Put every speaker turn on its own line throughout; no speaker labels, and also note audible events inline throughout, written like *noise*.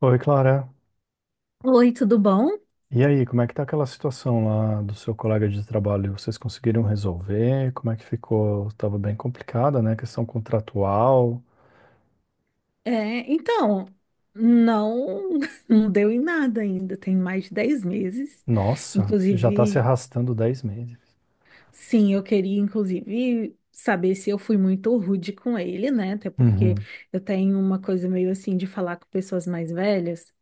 Oi, Clara.
Oi, tudo bom?
E aí, como é que tá aquela situação lá do seu colega de trabalho? Vocês conseguiram resolver? Como é que ficou? Tava bem complicada, né? Questão contratual.
É, então, não, *laughs* não deu em nada ainda, tem mais de 10 meses.
Nossa, isso já tá se
Inclusive,
arrastando 10 meses.
sim, eu queria, inclusive, saber se eu fui muito rude com ele, né? Até porque
Uhum,
eu tenho uma coisa meio assim de falar com pessoas mais velhas.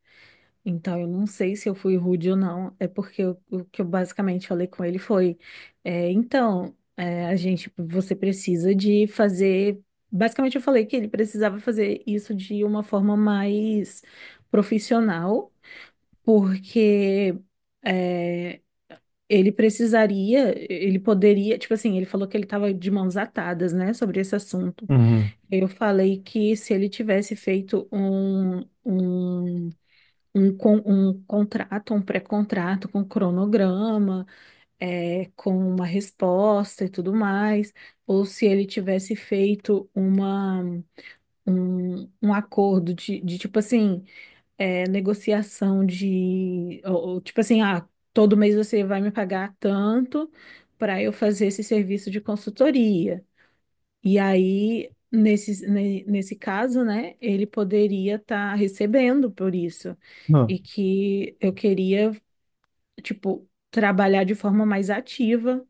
Então, eu não sei se eu fui rude ou não, é porque o que eu basicamente falei com ele foi: a gente, tipo, você precisa de fazer. Basicamente, eu falei que ele precisava fazer isso de uma forma mais profissional, porque é, ele precisaria, ele poderia. Tipo assim, ele falou que ele estava de mãos atadas, né, sobre esse assunto.
uhum.
Eu falei que se ele tivesse feito um contrato, um pré-contrato com cronograma, é, com uma resposta e tudo mais, ou se ele tivesse feito um acordo de tipo assim, é, negociação ou, tipo assim, ah, todo mês você vai me pagar tanto para eu fazer esse serviço de consultoria. E aí, nesse caso, né, ele poderia estar recebendo por isso. E
Não,
que eu queria, tipo, trabalhar de forma mais ativa,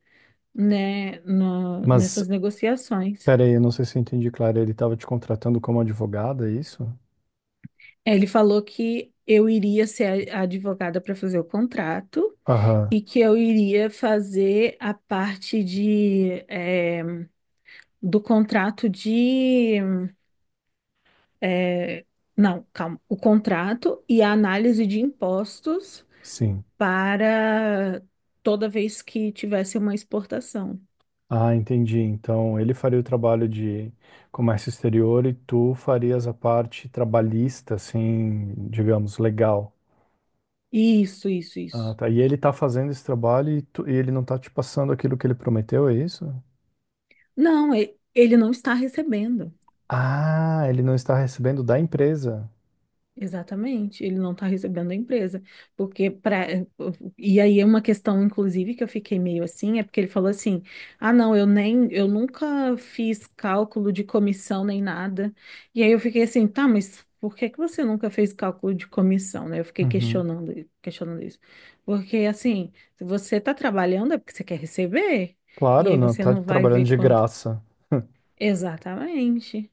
né,
mas,
nessas negociações.
pera aí, eu não sei se eu entendi, Clara. Ele tava te contratando como advogada, é isso?
Ele falou que eu iria ser a advogada para fazer o contrato
Aham,
e que eu iria fazer a parte de, eh, do contrato de. É, não, calma. O contrato e a análise de impostos
sim.
para toda vez que tivesse uma exportação.
Ah, entendi. Então, ele faria o trabalho de comércio exterior e tu farias a parte trabalhista, assim, digamos, legal.
Isso, isso,
Ah,
isso.
tá. E ele tá fazendo esse trabalho e, e ele não tá te passando aquilo que ele prometeu, é isso?
Não, ele não está recebendo.
Ah, ele não está recebendo da empresa.
Exatamente, ele não está recebendo a empresa, porque para e aí é uma questão inclusive que eu fiquei meio assim, é porque ele falou assim: "Ah, não, eu nunca fiz cálculo de comissão nem nada". E aí eu fiquei assim: "Tá, mas por que que você nunca fez cálculo de comissão?", né? Eu fiquei
Uhum.
questionando, questionando isso. Porque assim, se você está trabalhando é porque você quer receber, e
Claro,
aí
não
você
tá
não vai
trabalhando
ver
de
quanto.
graça. *laughs*
Exatamente.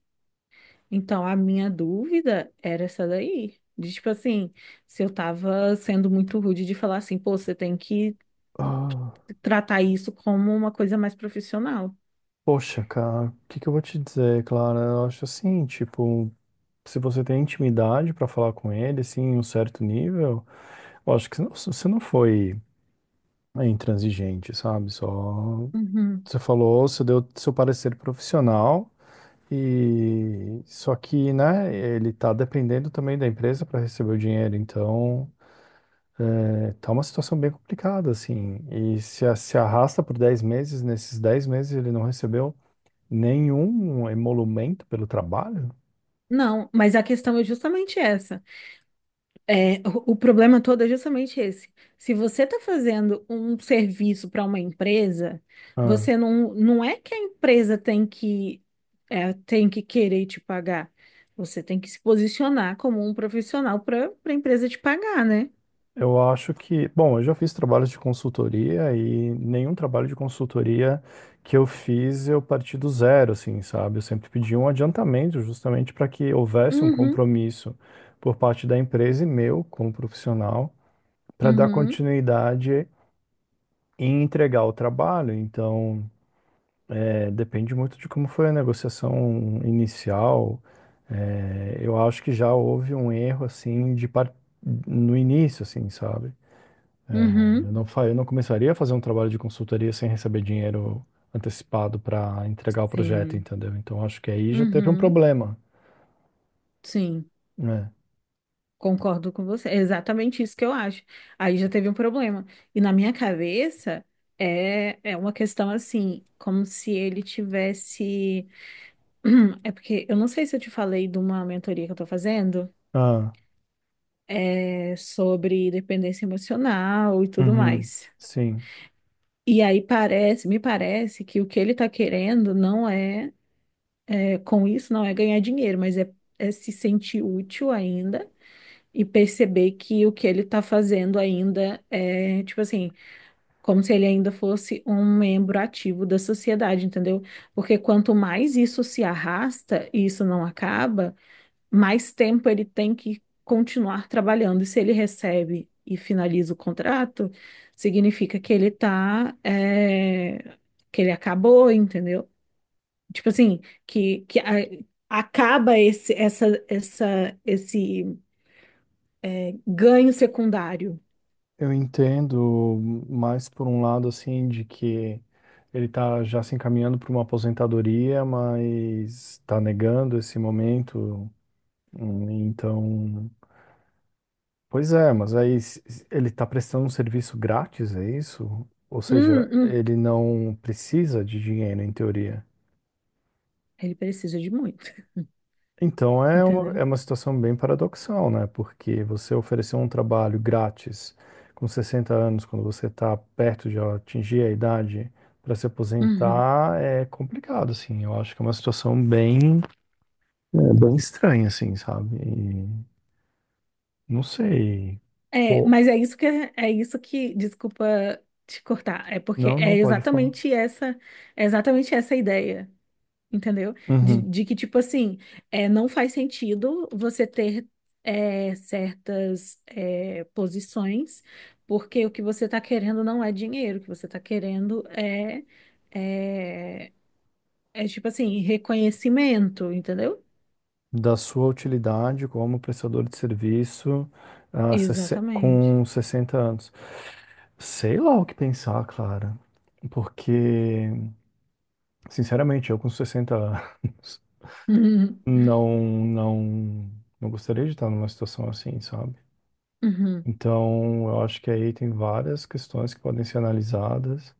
Então, a minha dúvida era essa daí. De, tipo assim, se eu tava sendo muito rude de falar assim, pô, você tem que
Ah,
tratar isso como uma coisa mais profissional.
poxa, cara, o que que eu vou te dizer, Clara? Eu acho assim, tipo, se você tem intimidade pra falar com ele, assim, em um certo nível, eu acho que você não foi, é, intransigente, sabe? Só
Uhum.
você falou, você deu seu parecer profissional. E só que, né, ele tá dependendo também da empresa para receber o dinheiro, então, é, tá uma situação bem complicada, assim. E se, se arrasta por 10 meses, nesses 10 meses ele não recebeu nenhum emolumento pelo trabalho?
Não, mas a questão é justamente essa. O problema todo é justamente esse. Se você está fazendo um serviço para uma empresa, você não é que a empresa tem que, é, tem que querer te pagar. Você tem que se posicionar como um profissional para a empresa te pagar, né?
Eu acho que, bom, eu já fiz trabalhos de consultoria e nenhum trabalho de consultoria que eu fiz eu parti do zero, assim, sabe? Eu sempre pedi um adiantamento justamente para que houvesse um
Uhum,
compromisso por parte da empresa e meu como profissional para dar
uhum,
continuidade e entregar o trabalho. Então, é, depende muito de como foi a negociação inicial. É, eu acho que já houve um erro assim no início, assim, sabe? Eu
uhum,
não, fa- eu não começaria a fazer um trabalho de consultoria sem receber dinheiro antecipado para entregar o projeto,
sim,
entendeu? Então acho que aí já teve um
uhum,
problema,
sim,
né?
concordo com você. É exatamente isso que eu acho. Aí já teve um problema. E na minha cabeça é uma questão assim, como se ele tivesse. *clears throat* É porque eu não sei se eu te falei de uma mentoria que eu tô fazendo,
Ah,
é sobre dependência emocional e tudo
uhum,
mais.
sim.
E aí parece, me parece que o que ele tá querendo não é. Com isso não é ganhar dinheiro, mas é se sentir útil ainda e perceber que o que ele está fazendo ainda é, tipo assim, como se ele ainda fosse um membro ativo da sociedade, entendeu? Porque quanto mais isso se arrasta e isso não acaba, mais tempo ele tem que continuar trabalhando. E se ele recebe e finaliza o contrato, significa que ele tá, é, que ele acabou, entendeu? Tipo assim, acaba esse ganho secundário.
Eu entendo mais por um lado assim de que ele tá já se encaminhando para uma aposentadoria, mas está negando esse momento. Então, pois é, mas aí se ele está prestando um serviço grátis, é isso? Ou seja,
Hum, hum.
ele não precisa de dinheiro, em teoria.
Ele precisa de muito, *laughs*
Então é
entendeu?
uma situação bem paradoxal, né? Porque você ofereceu um trabalho grátis com 60 anos, quando você está perto de atingir a idade para se
Uhum.
aposentar, é complicado, assim. Eu acho que é uma situação bem, é, bem estranha, assim, sabe? E não sei.
É,
Pô,
mas é isso que, desculpa te cortar, é porque
não, não pode falar.
é exatamente essa a ideia. Entendeu? De,
Uhum.
de que, tipo assim, é, não faz sentido você ter certas posições, porque o que você está querendo não é dinheiro, o que você está querendo é, é tipo assim, reconhecimento, entendeu?
Da sua utilidade como prestador de serviço, ah,
Exatamente.
com 60 anos. Sei lá o que pensar, Clara, porque, sinceramente, eu com 60 anos *laughs*
Uhum,
não, não, não gostaria de estar numa situação assim, sabe?
uhum,
Então, eu acho que aí tem várias questões que podem ser analisadas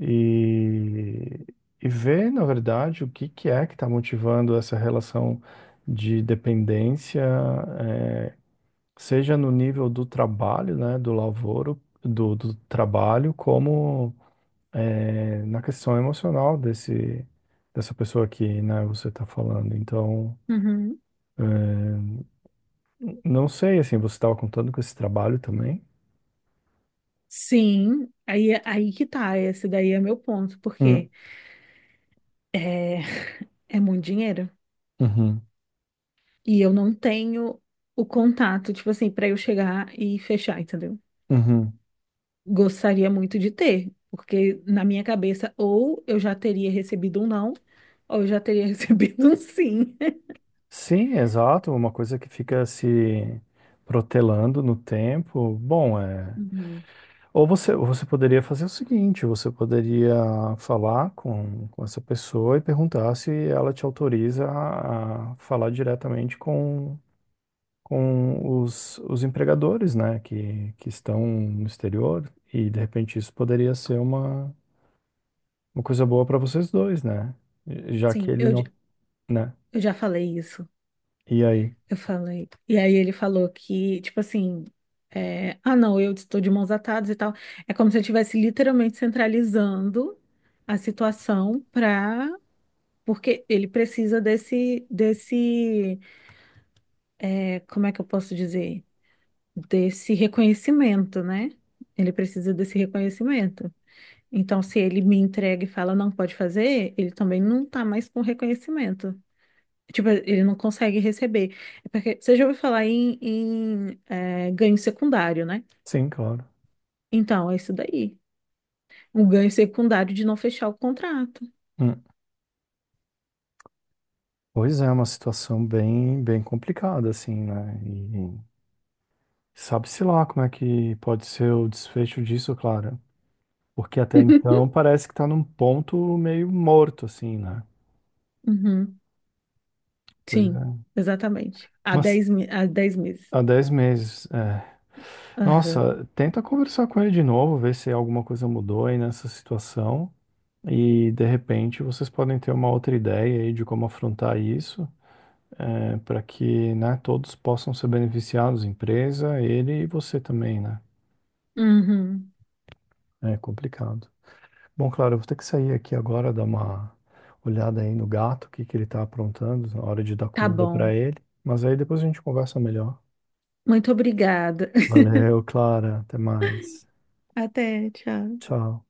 e, e ver, na verdade, o que que é que está motivando essa relação de dependência, eh, seja no nível do trabalho, né, do lavoro, do, do trabalho, como é, na questão emocional desse, dessa pessoa que, né, você está falando. Então,
uhum.
eh, não sei, assim, você estava contando com esse trabalho também?
Sim, aí, é, aí que tá, esse daí é meu ponto,
Hum,
porque é, é muito dinheiro.
uhum,
E eu não tenho o contato, tipo assim, para eu chegar e fechar, entendeu?
uhum.
Gostaria muito de ter, porque na minha cabeça, ou eu já teria recebido um não, ou eu já teria *laughs* recebido um sim.
Sim, exato, uma coisa que fica se protelando no tempo. Bom, é.
Uhum.
Ou você poderia fazer o seguinte, você poderia falar com essa pessoa e perguntar se ela te autoriza a falar diretamente com os empregadores, né, que estão no exterior, e de repente isso poderia ser uma coisa boa para vocês dois, né? Já que
Sim,
ele não, né?
eu já falei isso.
E aí?
Eu falei. E aí ele falou que, tipo assim, ah, não, eu estou de mãos atadas e tal. É como se eu estivesse literalmente centralizando a situação para. Porque ele precisa desse. Como é que eu posso dizer? Desse reconhecimento, né? Ele precisa desse reconhecimento. Então, se ele me entrega e fala não pode fazer, ele também não tá mais com reconhecimento. Tipo, ele não consegue receber. É porque você já ouviu falar em ganho secundário, né?
Sim, claro.
Então, é isso daí. Um ganho secundário de não fechar o contrato.
Hum. Pois é, é uma situação bem, bem complicada, assim, né? E, sabe-se lá como é que pode ser o desfecho disso, Clara. Porque até então
*laughs*
parece que tá num ponto meio morto, assim, né?
Uhum,
Pois
sim,
é.
exatamente.
Mas
Há 10 meses.
há 10 meses, é.
Aham.
Nossa, tenta conversar com ele de novo, ver se alguma coisa mudou aí nessa situação. E de repente vocês podem ter uma outra ideia aí de como afrontar isso, é, para que, né, todos possam ser beneficiados, empresa, ele e você também, né?
Uhum.
É complicado. Bom, claro, eu vou ter que sair aqui agora, dar uma olhada aí no gato, o que que ele tá aprontando, na hora de dar
Tá
comida pra
bom.
ele. Mas aí depois a gente conversa melhor.
Muito obrigada.
Valeu, Clara, até mais.
Até, tchau.
Tchau.